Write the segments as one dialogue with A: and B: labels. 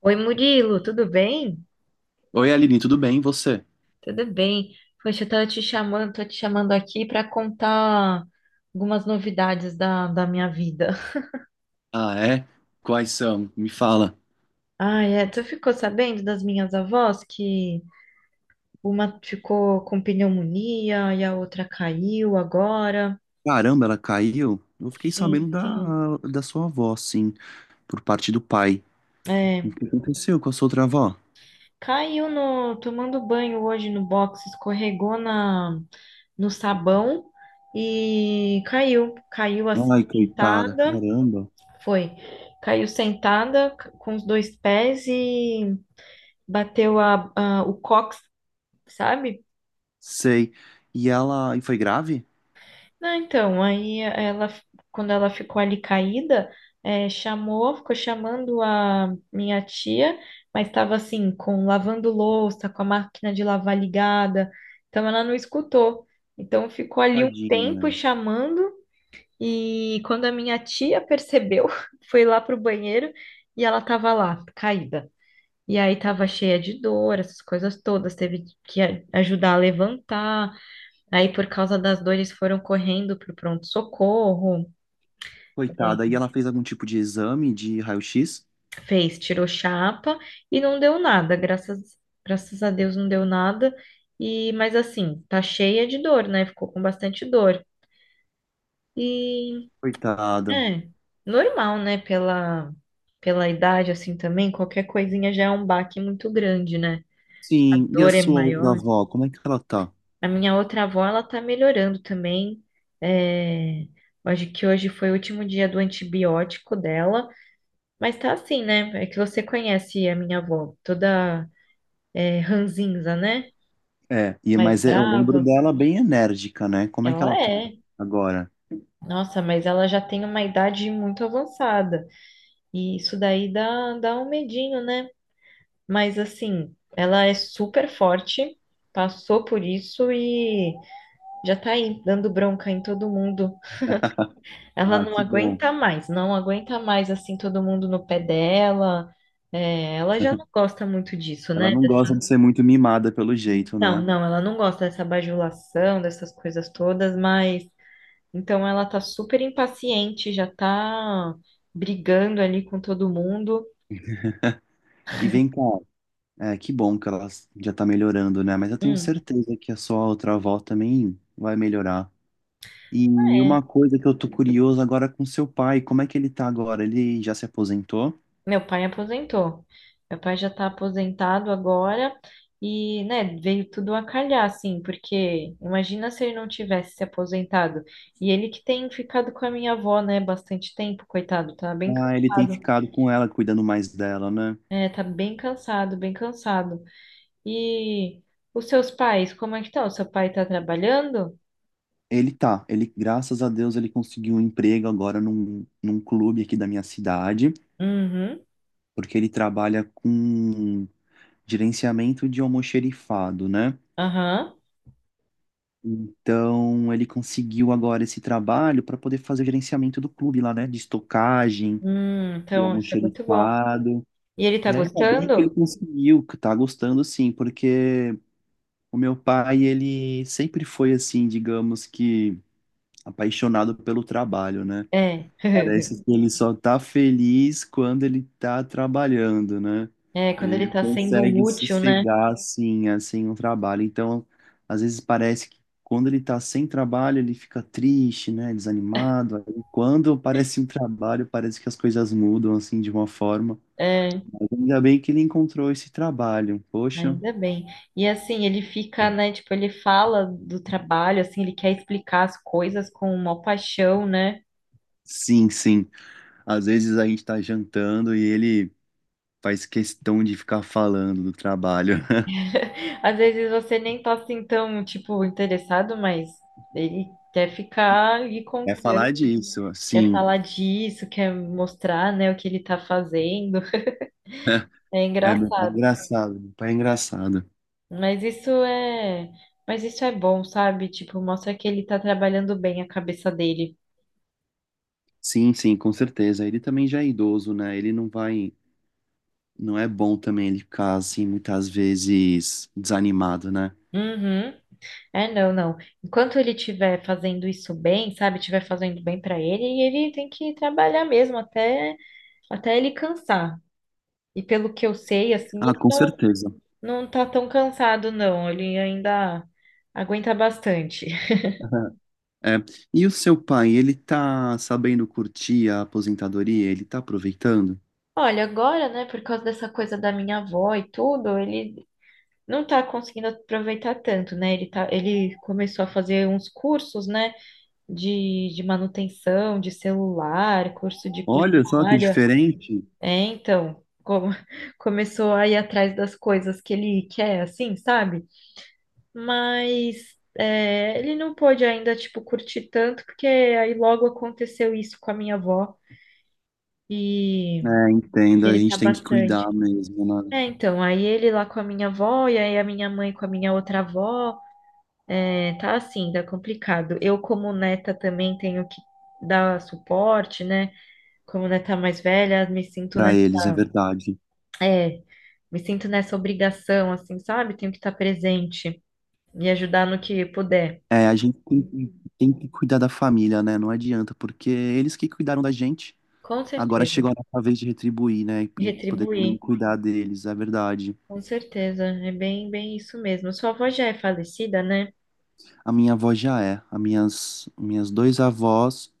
A: Oi, Murilo, tudo bem?
B: Oi, Aline, tudo bem? E você?
A: Tudo bem. Poxa, eu tava te chamando, tô te chamando aqui para contar algumas novidades da minha vida.
B: Ah, é? Quais são? Me fala.
A: Ah, é, tu ficou sabendo das minhas avós que uma ficou com pneumonia e a outra caiu agora?
B: Caramba, ela caiu? Eu fiquei
A: Sim,
B: sabendo
A: sim.
B: da sua avó, sim, por parte do pai. O
A: É,
B: que aconteceu com a sua outra avó?
A: caiu no, tomando banho hoje no box, escorregou na, no sabão e caiu, caiu assim
B: Ai, coitada,
A: sentada.
B: caramba.
A: Foi. Caiu sentada com os dois pés e bateu a, o cox, sabe?
B: Sei. E ela. E foi grave?
A: Não, então, aí ela, quando ela ficou ali caída, chamou, ficou chamando a minha tia, mas estava assim, com lavando louça, com a máquina de lavar ligada, então ela não escutou. Então ficou ali um tempo
B: Tadinha.
A: chamando, e quando a minha tia percebeu, foi lá pro banheiro e ela estava lá, caída. E aí tava cheia de dor, essas coisas todas, teve que ajudar a levantar. Aí por causa das dores foram correndo pro pronto-socorro, é,
B: Coitada. E ela fez algum tipo de exame de raio-x?
A: fez, tirou chapa e não deu nada, graças, graças a Deus não deu nada. E mas assim, tá cheia de dor, né? Ficou com bastante dor. E
B: Coitada.
A: é normal, né, pela idade assim também, qualquer coisinha já é um baque muito grande, né? A
B: Sim. E a
A: dor é
B: sua outra
A: maior.
B: avó? Como é que ela tá?
A: A minha outra avó, ela tá melhorando também. É, acho que hoje foi o último dia do antibiótico dela, mas tá assim, né? É que você conhece a minha avó, toda ranzinza, né?
B: É, e,
A: Mais
B: mas eu lembro
A: brava.
B: dela bem enérgica, né? Como é que
A: Ela
B: ela tá
A: é.
B: agora?
A: Nossa, mas ela já tem uma idade muito avançada. E isso daí dá um medinho, né? Mas assim, ela é super forte, passou por isso e já tá aí dando bronca em todo mundo. Ela
B: Ah,
A: não
B: que bom.
A: aguenta mais, não aguenta mais assim todo mundo no pé dela. É, ela já não gosta muito disso,
B: Ela
A: né?
B: não
A: Dessa-
B: gosta de ser muito mimada pelo jeito,
A: Não,
B: né?
A: não, ela não gosta dessa bajulação, dessas coisas todas, mas então ela tá super impaciente, já tá brigando ali com todo mundo.
B: E vem cá, é, que bom que ela já tá melhorando, né? Mas eu tenho
A: Hum,
B: certeza que a sua outra avó também vai melhorar. E uma
A: é.
B: coisa que eu tô curioso agora com seu pai, como é que ele tá agora? Ele já se aposentou?
A: Meu pai aposentou. Meu pai já está aposentado agora e, né, veio tudo a calhar, assim, porque imagina se ele não tivesse se aposentado. E ele que tem ficado com a minha avó, né, bastante tempo, coitado, tá bem
B: Ah, ele tem
A: cansado.
B: ficado com ela, cuidando mais dela, né?
A: É, tá bem cansado, bem cansado. E os seus pais, como é que estão? Seu pai tá trabalhando?
B: Ele tá, ele, graças a Deus, ele conseguiu um emprego agora num clube aqui da minha cidade,
A: Uhum,
B: porque ele trabalha com gerenciamento de almoxerifado, né?
A: aham.
B: Então, ele conseguiu agora esse trabalho para poder fazer o gerenciamento do clube lá, né? De estocagem, do
A: Então, isso é muito bom.
B: almoxerifado.
A: E ele tá
B: E ainda bem que ele
A: gostando?
B: conseguiu, que tá gostando sim, porque o meu pai, ele sempre foi assim, digamos que apaixonado pelo trabalho, né?
A: É.
B: Parece que ele só tá feliz quando ele tá trabalhando, né?
A: É, quando
B: Ele
A: ele
B: não
A: tá sendo
B: consegue
A: útil, né?
B: sossegar assim, assim, um trabalho. Então, às vezes parece que quando ele tá sem trabalho, ele fica triste, né? Desanimado. Aí, quando parece um trabalho, parece que as coisas mudam assim de uma forma.
A: É.
B: Mas ainda bem que ele encontrou esse trabalho. Poxa.
A: Ainda bem. E assim, ele fica, né? Tipo, ele fala do trabalho, assim, ele quer explicar as coisas com uma paixão, né?
B: Sim, sim. Às vezes a gente tá jantando e ele faz questão de ficar falando do trabalho.
A: Às vezes você nem tá assim tão, tipo, interessado, mas ele quer ficar lhe
B: É
A: contando,
B: falar disso,
A: quer
B: sim.
A: falar disso, quer mostrar, né, o que ele tá fazendo. É
B: É, meu pai é
A: engraçado.
B: engraçado, meu pai é engraçado.
A: Mas isso é, mas isso é bom, sabe? Tipo, mostra que ele tá trabalhando bem a cabeça dele.
B: Sim, sim, com certeza. Ele também já é idoso, né? Ele não vai, não é bom também ele ficar assim muitas vezes desanimado, né?
A: Uhum. É, não, não. Enquanto ele estiver fazendo isso bem, sabe, estiver fazendo bem para ele, ele tem que trabalhar mesmo até ele cansar. E pelo que eu sei, assim,
B: Ah,
A: ele
B: com
A: não,
B: certeza.
A: não tá tão cansado, não. Ele ainda aguenta bastante.
B: É. E o seu pai, ele tá sabendo curtir a aposentadoria? Ele tá aproveitando?
A: Olha, agora, né, por causa dessa coisa da minha avó e tudo, ele não tá conseguindo aproveitar tanto, né? Ele tá, ele começou a fazer uns cursos, né, de manutenção de celular, curso de
B: Olha só que
A: culinária.
B: diferente.
A: É, então, começou a ir atrás das coisas que ele quer, assim, sabe? Mas é, ele não pôde ainda, tipo, curtir tanto, porque aí logo aconteceu isso com a minha avó e
B: É, entendo, a
A: ele
B: gente
A: tá
B: tem que
A: bastante.
B: cuidar mesmo, né?
A: É, então, aí ele lá com a minha avó e aí a minha mãe com a minha outra avó, é, tá assim, tá complicado. Eu, como neta, também tenho que dar suporte, né? Como neta mais velha, me sinto,
B: Pra
A: nessa
B: eles, é verdade.
A: É, me sinto nessa obrigação, assim, sabe? Tenho que estar presente e ajudar no que puder.
B: É, a gente tem que cuidar da família, né? Não adianta, porque é eles que cuidaram da gente.
A: Com
B: Agora
A: certeza.
B: chegou a nossa vez de retribuir, né? E poder também
A: Retribuir,
B: cuidar deles, é verdade.
A: com certeza. É bem, bem isso mesmo. Sua avó já é falecida, né?
B: A minha avó já é. As minhas dois avós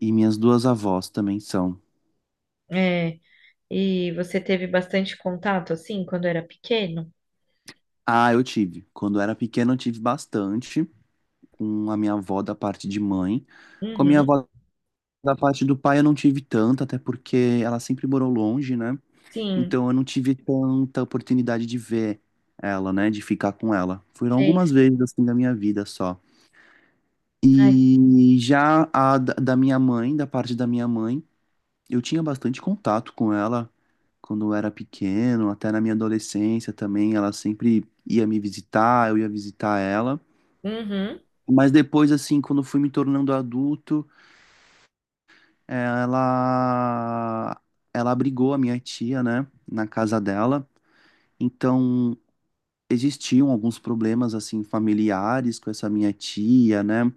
B: e minhas duas avós também são.
A: É, e você teve bastante contato, assim, quando era pequeno?
B: Ah, eu tive. Quando eu era pequeno, eu tive bastante com a minha avó da parte de mãe. Com a minha
A: Uhum.
B: avó da parte do pai, eu não tive tanto, até porque ela sempre morou longe, né?
A: Sim,
B: Então eu não tive tanta oportunidade de ver ela, né? De ficar com ela. Foram
A: sei.
B: algumas
A: Sei.
B: vezes assim da minha vida só.
A: Ai,
B: E já a da minha mãe, da parte da minha mãe, eu tinha bastante contato com ela quando eu era pequeno, até na minha adolescência também, ela sempre ia me visitar, eu ia visitar ela.
A: uhum,
B: Mas depois, assim, quando eu fui me tornando adulto, eh, ela ela abrigou a minha tia, né, na casa dela. Então, existiam alguns problemas assim familiares com essa minha tia, né?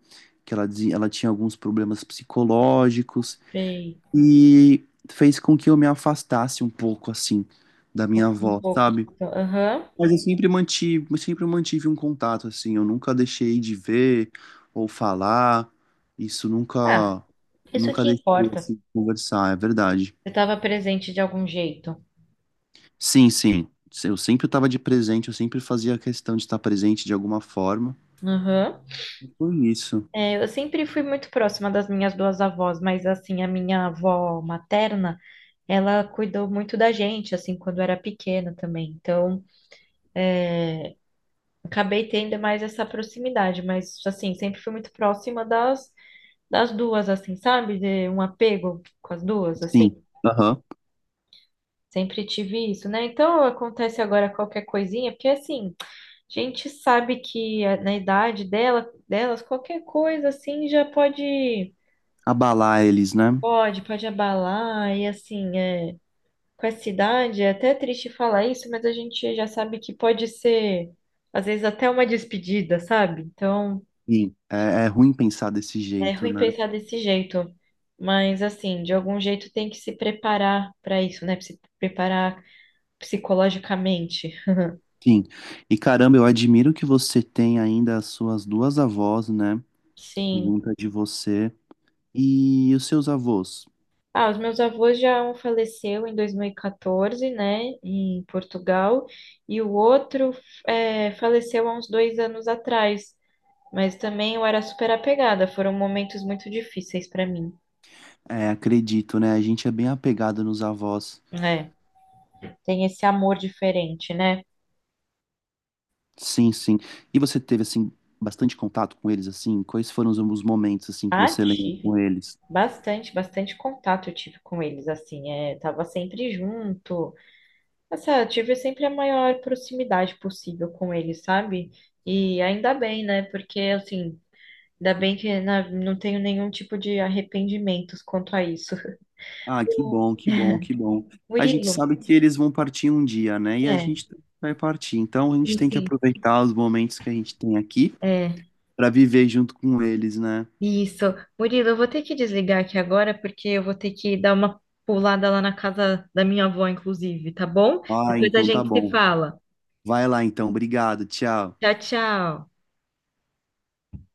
B: Que ela dizia, ela tinha alguns problemas psicológicos.
A: sei.
B: E fez com que eu me afastasse um pouco, assim, da minha
A: Passei um
B: avó,
A: pouco.
B: sabe?
A: Então, aham.
B: Mas eu sempre mantive um contato, assim, eu nunca deixei de ver ou falar, isso
A: Ah,
B: nunca,
A: isso
B: nunca
A: que
B: deixei,
A: importa.
B: assim, de conversar, é verdade.
A: Você estava presente de algum jeito.
B: Sim, sim, eu sempre estava de presente, eu sempre fazia questão de estar presente de alguma forma,
A: Aham.
B: Foi isso,
A: É, eu sempre fui muito próxima das minhas duas avós, mas assim, a minha avó materna, ela cuidou muito da gente, assim, quando era pequena também. Então, acabei tendo mais essa proximidade, mas assim, sempre fui muito próxima das duas, assim, sabe? De um apego com as duas, assim.
B: sim, aham.
A: Sempre tive isso, né? Então, acontece agora qualquer coisinha, porque assim, a gente sabe que na idade delas, qualquer coisa assim já pode
B: Abalar eles, né?
A: Pode, pode abalar, e assim, é, com essa idade é até triste falar isso, mas a gente já sabe que pode ser, às vezes, até uma despedida, sabe? Então,
B: Sim, é, é ruim pensar desse
A: é
B: jeito,
A: ruim
B: né?
A: pensar desse jeito, mas assim, de algum jeito tem que se preparar para isso, né? Se preparar psicologicamente.
B: Sim. E caramba, eu admiro que você tem ainda as suas duas avós, né?
A: Sim.
B: Junta de você. E os seus avós?
A: Ah, os meus avós já um faleceu em 2014, né, em Portugal, e o outro é, faleceu há uns 2 anos atrás. Mas também eu era super apegada, foram momentos muito difíceis pra mim.
B: É, acredito, né? A gente é bem apegado nos avós.
A: É, tem esse amor diferente, né?
B: Sim, sim. E você teve, assim, bastante contato com eles, assim? Quais foram os momentos, assim, que
A: Ah,
B: você lembra com
A: tive
B: eles?
A: bastante, bastante contato eu tive com eles, assim, é, tava sempre junto. Nossa, eu tive sempre a maior proximidade possível com eles, sabe? E ainda bem, né? Porque, assim, ainda bem que não tenho nenhum tipo de arrependimentos quanto a isso.
B: Ah, que bom, que bom, que
A: O
B: bom. A gente
A: Murilo,
B: sabe que eles vão partir um dia, né? E a
A: é,
B: gente vai partir. Então a gente
A: sim,
B: tem que
A: sim.
B: aproveitar os momentos que a gente tem aqui
A: É.
B: para viver junto com eles, né?
A: Isso. Murilo, eu vou ter que desligar aqui agora, porque eu vou ter que dar uma pulada lá na casa da minha avó, inclusive, tá bom?
B: Ah,
A: Depois a
B: então tá
A: gente se
B: bom.
A: fala.
B: Vai lá então, obrigado, tchau.
A: Tchau, tchau.